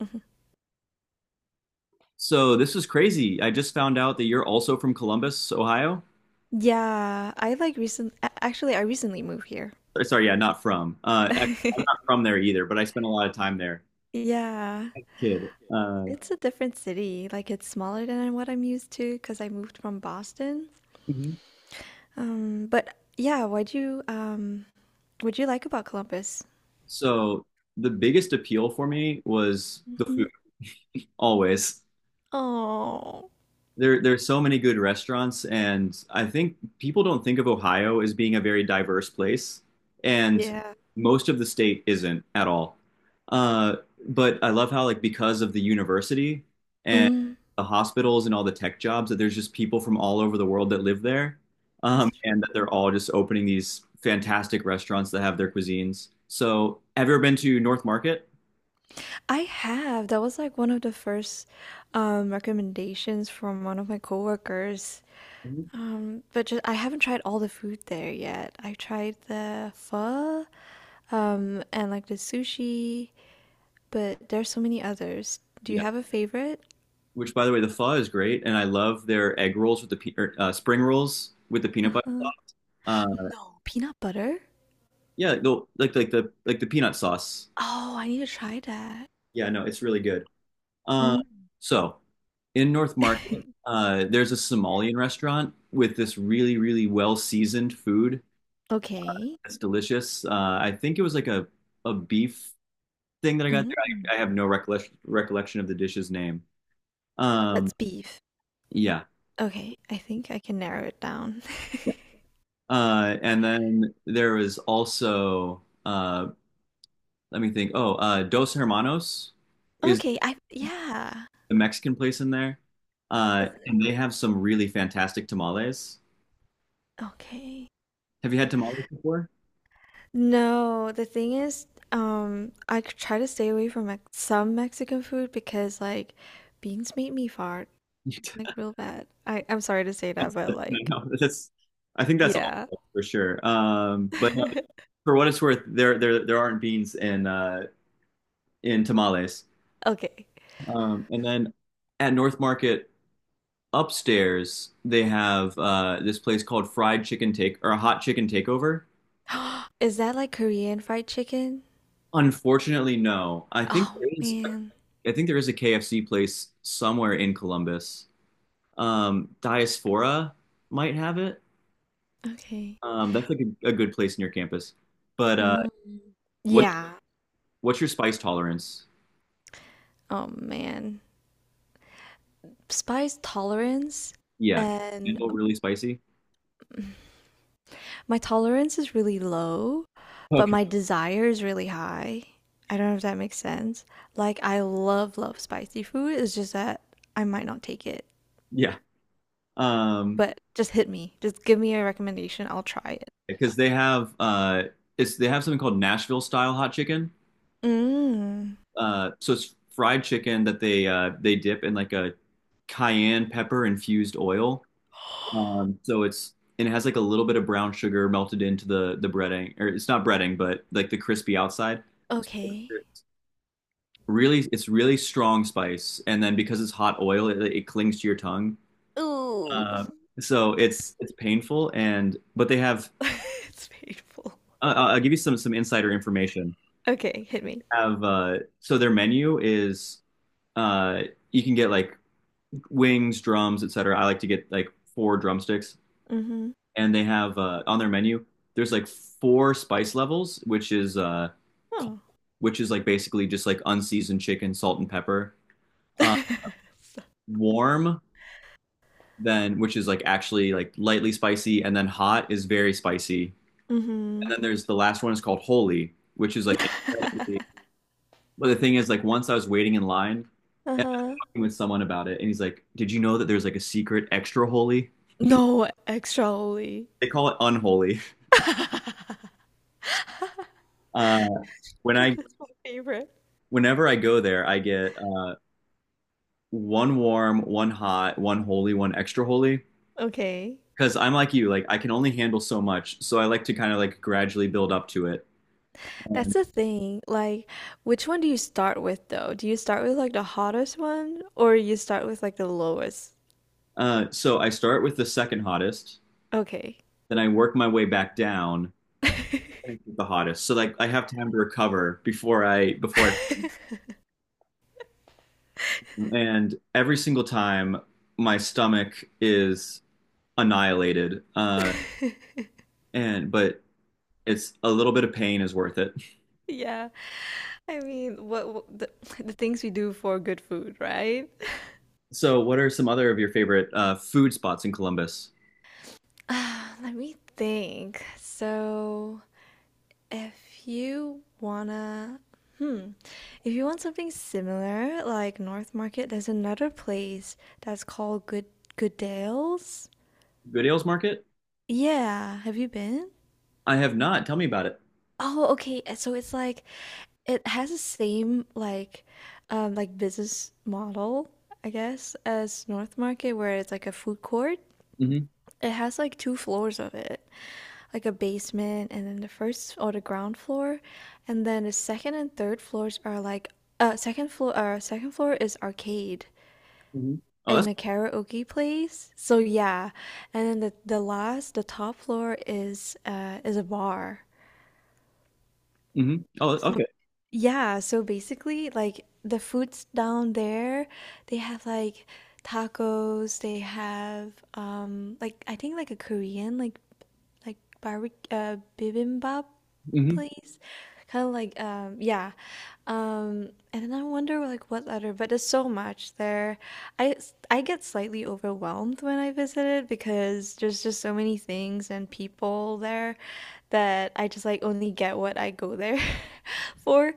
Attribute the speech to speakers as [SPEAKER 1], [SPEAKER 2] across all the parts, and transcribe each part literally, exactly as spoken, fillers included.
[SPEAKER 1] Mhm.
[SPEAKER 2] So this is crazy. I just found out that you're also from Columbus, Ohio.
[SPEAKER 1] Yeah, I like recent a- actually, I recently moved here.
[SPEAKER 2] Or, sorry, yeah, not from. Uh, ac- I'm not from there either, but I spent a lot of time there,
[SPEAKER 1] Yeah,
[SPEAKER 2] kid. Uh,
[SPEAKER 1] it's a different city. Like it's smaller than what I'm used to because I moved from Boston.
[SPEAKER 2] Mhm.
[SPEAKER 1] Um, but yeah, what'd you um what'd you like about Columbus?
[SPEAKER 2] so the biggest appeal for me was the food,
[SPEAKER 1] Hmm.
[SPEAKER 2] always.
[SPEAKER 1] Oh,
[SPEAKER 2] there there's so many good restaurants, and I think people don't think of Ohio as being a very diverse place, and
[SPEAKER 1] yeah.
[SPEAKER 2] most of the state isn't at all. uh, but I love how, like, because of the university and
[SPEAKER 1] Mm,
[SPEAKER 2] the hospitals and all the tech jobs, that there's just people from all over the world that live there.
[SPEAKER 1] that's
[SPEAKER 2] Um, and that
[SPEAKER 1] true.
[SPEAKER 2] they're all just opening these fantastic restaurants that have their cuisines. So have you ever been to North Market?
[SPEAKER 1] I have. That was like one of the first um recommendations from one of my coworkers.
[SPEAKER 2] Mhm.
[SPEAKER 1] Um, but just, I haven't tried all the food there yet. I tried the pho, um, and like the sushi, but there's so many others. Do you have a favorite?
[SPEAKER 2] Which, by the way, the pho is great, and I love their egg rolls with the pe- or, uh, spring rolls with the peanut butter
[SPEAKER 1] Uh-huh.
[SPEAKER 2] sauce. Uh,
[SPEAKER 1] No. Peanut butter?
[SPEAKER 2] yeah, the, like like the like the peanut sauce.
[SPEAKER 1] Oh, I need to try that.
[SPEAKER 2] Yeah, no, it's really good. Uh,
[SPEAKER 1] Mm.
[SPEAKER 2] so in North Market, uh, there's a Somalian restaurant with this really really well seasoned food.
[SPEAKER 1] Okay.
[SPEAKER 2] It's delicious. Uh, I think it was like a a beef thing that I got there.
[SPEAKER 1] Mm.
[SPEAKER 2] I, I have no recollection recollection of the dish's name. Um,
[SPEAKER 1] That's beef.
[SPEAKER 2] yeah.
[SPEAKER 1] Okay, I think I can narrow it down.
[SPEAKER 2] Uh, and then there was also uh, let me think. Oh, uh, Dos Hermanos is
[SPEAKER 1] Okay, I yeah.
[SPEAKER 2] the Mexican place in there. Uh, and they have some really fantastic tamales.
[SPEAKER 1] Okay.
[SPEAKER 2] Have you had tamales before?
[SPEAKER 1] No, the thing is, um, I c- try to stay away from Mex some Mexican food because like beans make me fart like real bad. I I'm sorry to say that,
[SPEAKER 2] That's,
[SPEAKER 1] but like
[SPEAKER 2] no, that's, I think that's
[SPEAKER 1] yeah.
[SPEAKER 2] all for sure. Um, but uh, for what it's worth, there there there aren't beans in uh, in tamales.
[SPEAKER 1] Okay.
[SPEAKER 2] Um, and then at North Market upstairs, they have uh, this place called Fried Chicken Take, or a Hot Chicken Takeover.
[SPEAKER 1] Is that like Korean fried chicken?
[SPEAKER 2] Unfortunately, no. I think
[SPEAKER 1] Oh
[SPEAKER 2] there is.
[SPEAKER 1] man.
[SPEAKER 2] I think there is a K F C place somewhere in Columbus. Um, Diaspora might have it.
[SPEAKER 1] Okay.
[SPEAKER 2] Um, that's like a, a good place near campus. But uh,
[SPEAKER 1] Mm.
[SPEAKER 2] what
[SPEAKER 1] Yeah.
[SPEAKER 2] what's your spice tolerance?
[SPEAKER 1] Oh man. Spice tolerance
[SPEAKER 2] Yeah, can you
[SPEAKER 1] and
[SPEAKER 2] handle really spicy?
[SPEAKER 1] my tolerance is really low, but
[SPEAKER 2] Okay.
[SPEAKER 1] my desire is really high. I don't know if that makes sense. Like I love love spicy food. It's just that I might not take it.
[SPEAKER 2] Yeah. Um,
[SPEAKER 1] But just hit me. Just give me a recommendation. I'll try it.
[SPEAKER 2] because they have uh, it's they have something called Nashville style hot chicken.
[SPEAKER 1] Mm.
[SPEAKER 2] Uh, so it's fried chicken that they uh, they dip in like a cayenne pepper infused oil. Um, so it's and it has like a little bit of brown sugar melted into the the breading, or it's not breading, but like the crispy outside.
[SPEAKER 1] Okay.
[SPEAKER 2] Really, it's really strong spice, and then because it's hot oil, it, it clings to your tongue.
[SPEAKER 1] Ooh.
[SPEAKER 2] Um, so it's it's painful, and but they have.
[SPEAKER 1] It's painful.
[SPEAKER 2] Uh, I'll I'll give you some some insider information.
[SPEAKER 1] Okay, hit me.
[SPEAKER 2] Have uh, so their menu is uh, you can get like wings, drums, et cetera. I like to get like four drumsticks.
[SPEAKER 1] Mm-hmm.
[SPEAKER 2] And they have uh, on their menu there's like four spice levels, which is uh cold,
[SPEAKER 1] Oh.
[SPEAKER 2] which is like basically just like unseasoned chicken, salt and pepper. uh, Warm, then, which is like actually like lightly spicy, and then hot is very spicy, and
[SPEAKER 1] Mm-hmm.
[SPEAKER 2] then there's the last one is called holy, which is like incredibly. But the thing is, like, once I was waiting in line and I
[SPEAKER 1] Uh-huh.
[SPEAKER 2] was talking with someone about it, and he's like, did you know that there's like a secret extra holy?
[SPEAKER 1] No extra holy.
[SPEAKER 2] They call it unholy.
[SPEAKER 1] That
[SPEAKER 2] uh when i
[SPEAKER 1] is my favorite.
[SPEAKER 2] Whenever I go there, I get uh one warm, one hot, one holy, one extra holy.
[SPEAKER 1] Okay.
[SPEAKER 2] Because I'm like you, like I can only handle so much, so I like to kind of like gradually build up to it.
[SPEAKER 1] That's the thing. Like, which one do you start with though? Do you start with like the hottest one or you start with like the lowest?
[SPEAKER 2] Uh, so I start with the second hottest,
[SPEAKER 1] Okay.
[SPEAKER 2] then I work my way back down to the hottest. So like I have time to recover before I before I and every single time my stomach is annihilated. Uh, and but it's a little bit of pain is worth it.
[SPEAKER 1] Yeah. I mean, what, what the, the things we do for good food, right?
[SPEAKER 2] So what are some other of your favorite uh, food spots in Columbus?
[SPEAKER 1] Ah, let me think. So, if you wanna, hmm, if you want something similar, like North Market, there's another place that's called Good Goodales.
[SPEAKER 2] Good Ales Market?
[SPEAKER 1] Yeah, have you been?
[SPEAKER 2] I have not. Tell me about it.
[SPEAKER 1] Oh, okay. uh, So it's like it has the same like um like business model, I guess, as North Market where it's like a food court.
[SPEAKER 2] Mm-hmm.
[SPEAKER 1] It has like two floors of it, like a basement and then the first or the ground floor, and then the second and third floors are like uh second floor uh second floor is arcade
[SPEAKER 2] Hmm. Oh, that's.
[SPEAKER 1] and a karaoke place. So yeah. And then the the last the top floor is uh is a bar.
[SPEAKER 2] Hmm. Oh, okay.
[SPEAKER 1] Yeah, so basically, like the foods down there, they have like tacos, they have um like I think like a Korean like like barbecue uh, bibimbap
[SPEAKER 2] Hmm.
[SPEAKER 1] place. Kind of like um yeah. Um and then I wonder like what other but there's so much there. I s- I get slightly overwhelmed when I visit it because there's just so many things and people there that I just like only get what I go there for.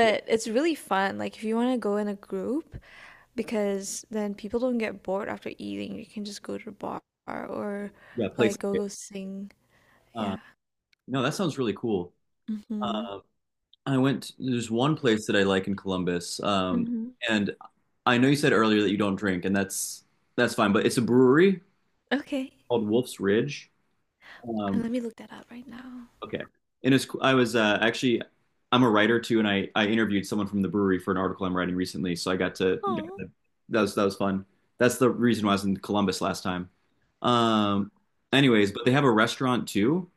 [SPEAKER 2] Yeah,
[SPEAKER 1] it's really fun. Like if you want to go in a group, because then people don't get bored after eating. You can just go to the bar or
[SPEAKER 2] yeah. Place.
[SPEAKER 1] like go go sing.
[SPEAKER 2] Uh,
[SPEAKER 1] Yeah.
[SPEAKER 2] no, that sounds really cool.
[SPEAKER 1] Mhm.
[SPEAKER 2] Uh, I went. There's one place that I like in Columbus, um,
[SPEAKER 1] Mhm.
[SPEAKER 2] and I know you said earlier that you don't drink, and that's that's fine. But it's a brewery
[SPEAKER 1] Okay.
[SPEAKER 2] called Wolf's Ridge.
[SPEAKER 1] Uh,
[SPEAKER 2] Um,
[SPEAKER 1] let me look that up right now.
[SPEAKER 2] Okay. And it's, I was uh, actually, I'm a writer too, and I, I interviewed someone from the brewery for an article I'm writing recently. So I got to, got
[SPEAKER 1] Oh.
[SPEAKER 2] to- that was that was fun. That's the reason why I was in Columbus last time. Um, anyways, but they have a restaurant too,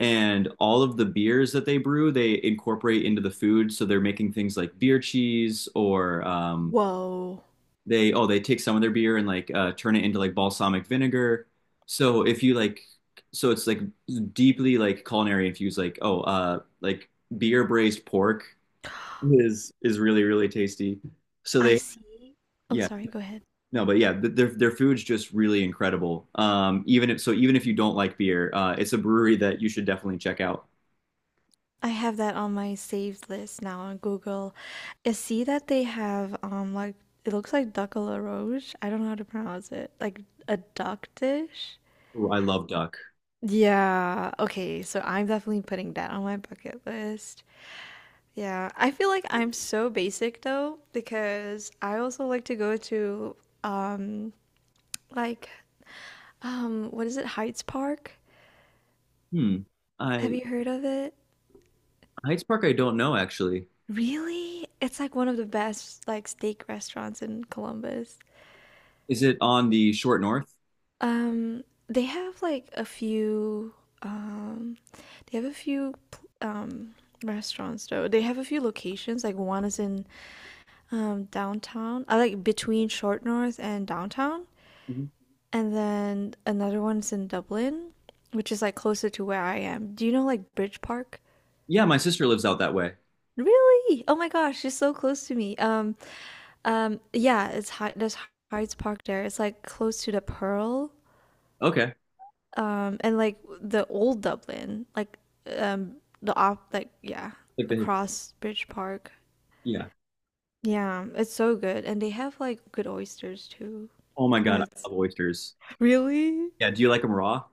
[SPEAKER 2] and all of the beers that they brew, they incorporate into the food. So they're making things like beer cheese or um,
[SPEAKER 1] Whoa.
[SPEAKER 2] they oh they take some of their beer and like uh, turn it into like balsamic vinegar. So if you like, so it's like deeply like culinary infused. Like oh uh like beer braised pork is is really really tasty. So
[SPEAKER 1] I
[SPEAKER 2] they
[SPEAKER 1] see. Oh,
[SPEAKER 2] yeah
[SPEAKER 1] sorry. Go ahead.
[SPEAKER 2] no but yeah th- their their food's just really incredible. Um, even if, so even if you don't like beer, uh, it's a brewery that you should definitely check out.
[SPEAKER 1] I have that on my saved list now on Google. I see that they have um like it looks like duck à la roche. I don't know how to pronounce it. Like a duck dish.
[SPEAKER 2] Ooh, I love duck.
[SPEAKER 1] Yeah. Okay, so I'm definitely putting that on my bucket list. Yeah. I feel like I'm so basic though because I also like to go to um like um what is it? Heights Park?
[SPEAKER 2] Hmm.
[SPEAKER 1] Have
[SPEAKER 2] I
[SPEAKER 1] you heard of it?
[SPEAKER 2] Heights Park I don't know actually.
[SPEAKER 1] Really? It's like one of the best like steak restaurants in Columbus.
[SPEAKER 2] Is it on the short north?
[SPEAKER 1] Um, they have like a few, um, they have a few, pl- um, restaurants though. They have a few locations. Like one is in um downtown, I like between Short North and downtown,
[SPEAKER 2] Mhm.
[SPEAKER 1] and then another one's in Dublin, which is like closer to where I am. Do you know like Bridge Park?
[SPEAKER 2] Yeah, my sister lives out that way.
[SPEAKER 1] Really? Oh my gosh, you so close to me. Um, um, yeah, it's Hy- there's Hyde's Park there. It's like close to the Pearl.
[SPEAKER 2] Okay.
[SPEAKER 1] Um and like the old Dublin like um the op like yeah,
[SPEAKER 2] Like the,
[SPEAKER 1] across Bridge Park.
[SPEAKER 2] yeah.
[SPEAKER 1] Yeah, it's so good, and they have like good oysters too.
[SPEAKER 2] Oh my
[SPEAKER 1] Yeah,
[SPEAKER 2] God, I
[SPEAKER 1] it's
[SPEAKER 2] love oysters.
[SPEAKER 1] really.
[SPEAKER 2] Yeah. Do you like them raw?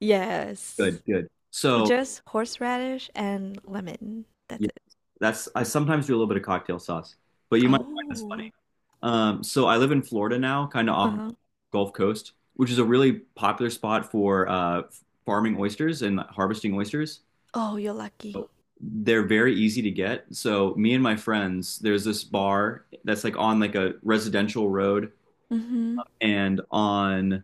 [SPEAKER 1] Yes,
[SPEAKER 2] Good, good. So
[SPEAKER 1] just horseradish and lemon, that's
[SPEAKER 2] yeah,
[SPEAKER 1] it.
[SPEAKER 2] that's, I sometimes do a little bit of cocktail sauce, but you might find this funny.
[SPEAKER 1] Oh.
[SPEAKER 2] Um, so I live in Florida now, kind of off of
[SPEAKER 1] Uh-huh.
[SPEAKER 2] Gulf Coast, which is a really popular spot for uh, farming oysters and harvesting oysters.
[SPEAKER 1] Oh, you're lucky.
[SPEAKER 2] They're very easy to get. So me and my friends, there's this bar that's like on like a residential road,
[SPEAKER 1] Mm-hmm.
[SPEAKER 2] and on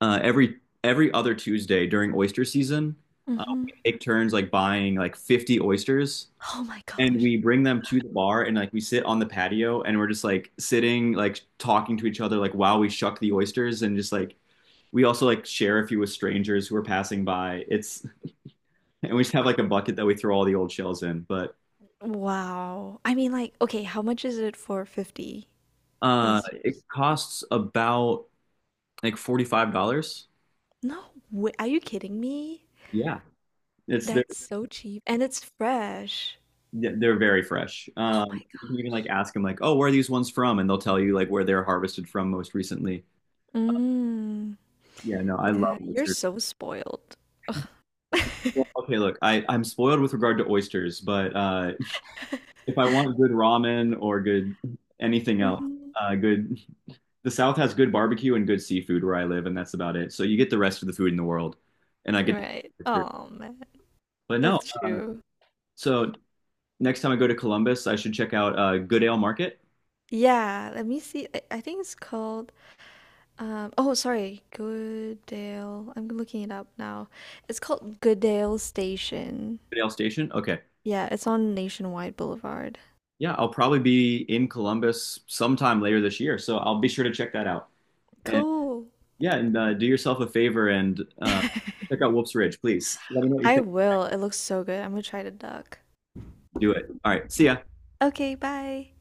[SPEAKER 2] uh, every every other Tuesday during oyster season, uh,
[SPEAKER 1] Mm-hmm.
[SPEAKER 2] we take turns like buying like fifty oysters,
[SPEAKER 1] Oh my
[SPEAKER 2] and
[SPEAKER 1] gosh.
[SPEAKER 2] we bring them to the bar, and like we sit on the patio, and we're just like sitting like talking to each other like while we shuck the oysters, and just like we also like share a few with strangers who are passing by. It's and we just have like a bucket that we throw all the old shells in. But
[SPEAKER 1] Wow. I mean like okay, how much is it for fifty
[SPEAKER 2] uh It
[SPEAKER 1] oysters?
[SPEAKER 2] costs about like forty-five dollars.
[SPEAKER 1] No way, are you kidding me?
[SPEAKER 2] Yeah. It's
[SPEAKER 1] That's so cheap, and it's fresh.
[SPEAKER 2] th- they're very fresh.
[SPEAKER 1] Oh
[SPEAKER 2] Um,
[SPEAKER 1] my
[SPEAKER 2] you can even like ask them like, "Oh, where are these ones from?" and they'll tell you like where they're harvested from most recently.
[SPEAKER 1] god. Mm.
[SPEAKER 2] Yeah, no, I love
[SPEAKER 1] Yeah, you're
[SPEAKER 2] oysters.
[SPEAKER 1] so spoiled. Ugh.
[SPEAKER 2] Well, okay, look, I I'm spoiled with regard to oysters, but uh, if I want good ramen or good anything else,
[SPEAKER 1] Mhm.
[SPEAKER 2] uh, good. The South has good barbecue and good seafood where I live, and that's about it. So you get the rest of the food in the world, and I get.
[SPEAKER 1] Right.
[SPEAKER 2] Oysters.
[SPEAKER 1] Oh man,
[SPEAKER 2] But no,
[SPEAKER 1] that's true.
[SPEAKER 2] so next time I go to Columbus, I should check out uh, Goodale Market,
[SPEAKER 1] Yeah, let me see. I, I think it's called um oh sorry, Goodale. I'm looking it up now. It's called Goodale Station.
[SPEAKER 2] Goodale Station. Okay.
[SPEAKER 1] Yeah, it's on Nationwide Boulevard.
[SPEAKER 2] Yeah, I'll probably be in Columbus sometime later this year, so I'll be sure to check that out. And
[SPEAKER 1] Cool.
[SPEAKER 2] yeah, and uh, do yourself a favor and uh, check out Wolf's Ridge, please. Let me know what you
[SPEAKER 1] I
[SPEAKER 2] think.
[SPEAKER 1] will. It looks so good. I'm gonna try to duck.
[SPEAKER 2] Do it. All right, see ya.
[SPEAKER 1] Okay, bye.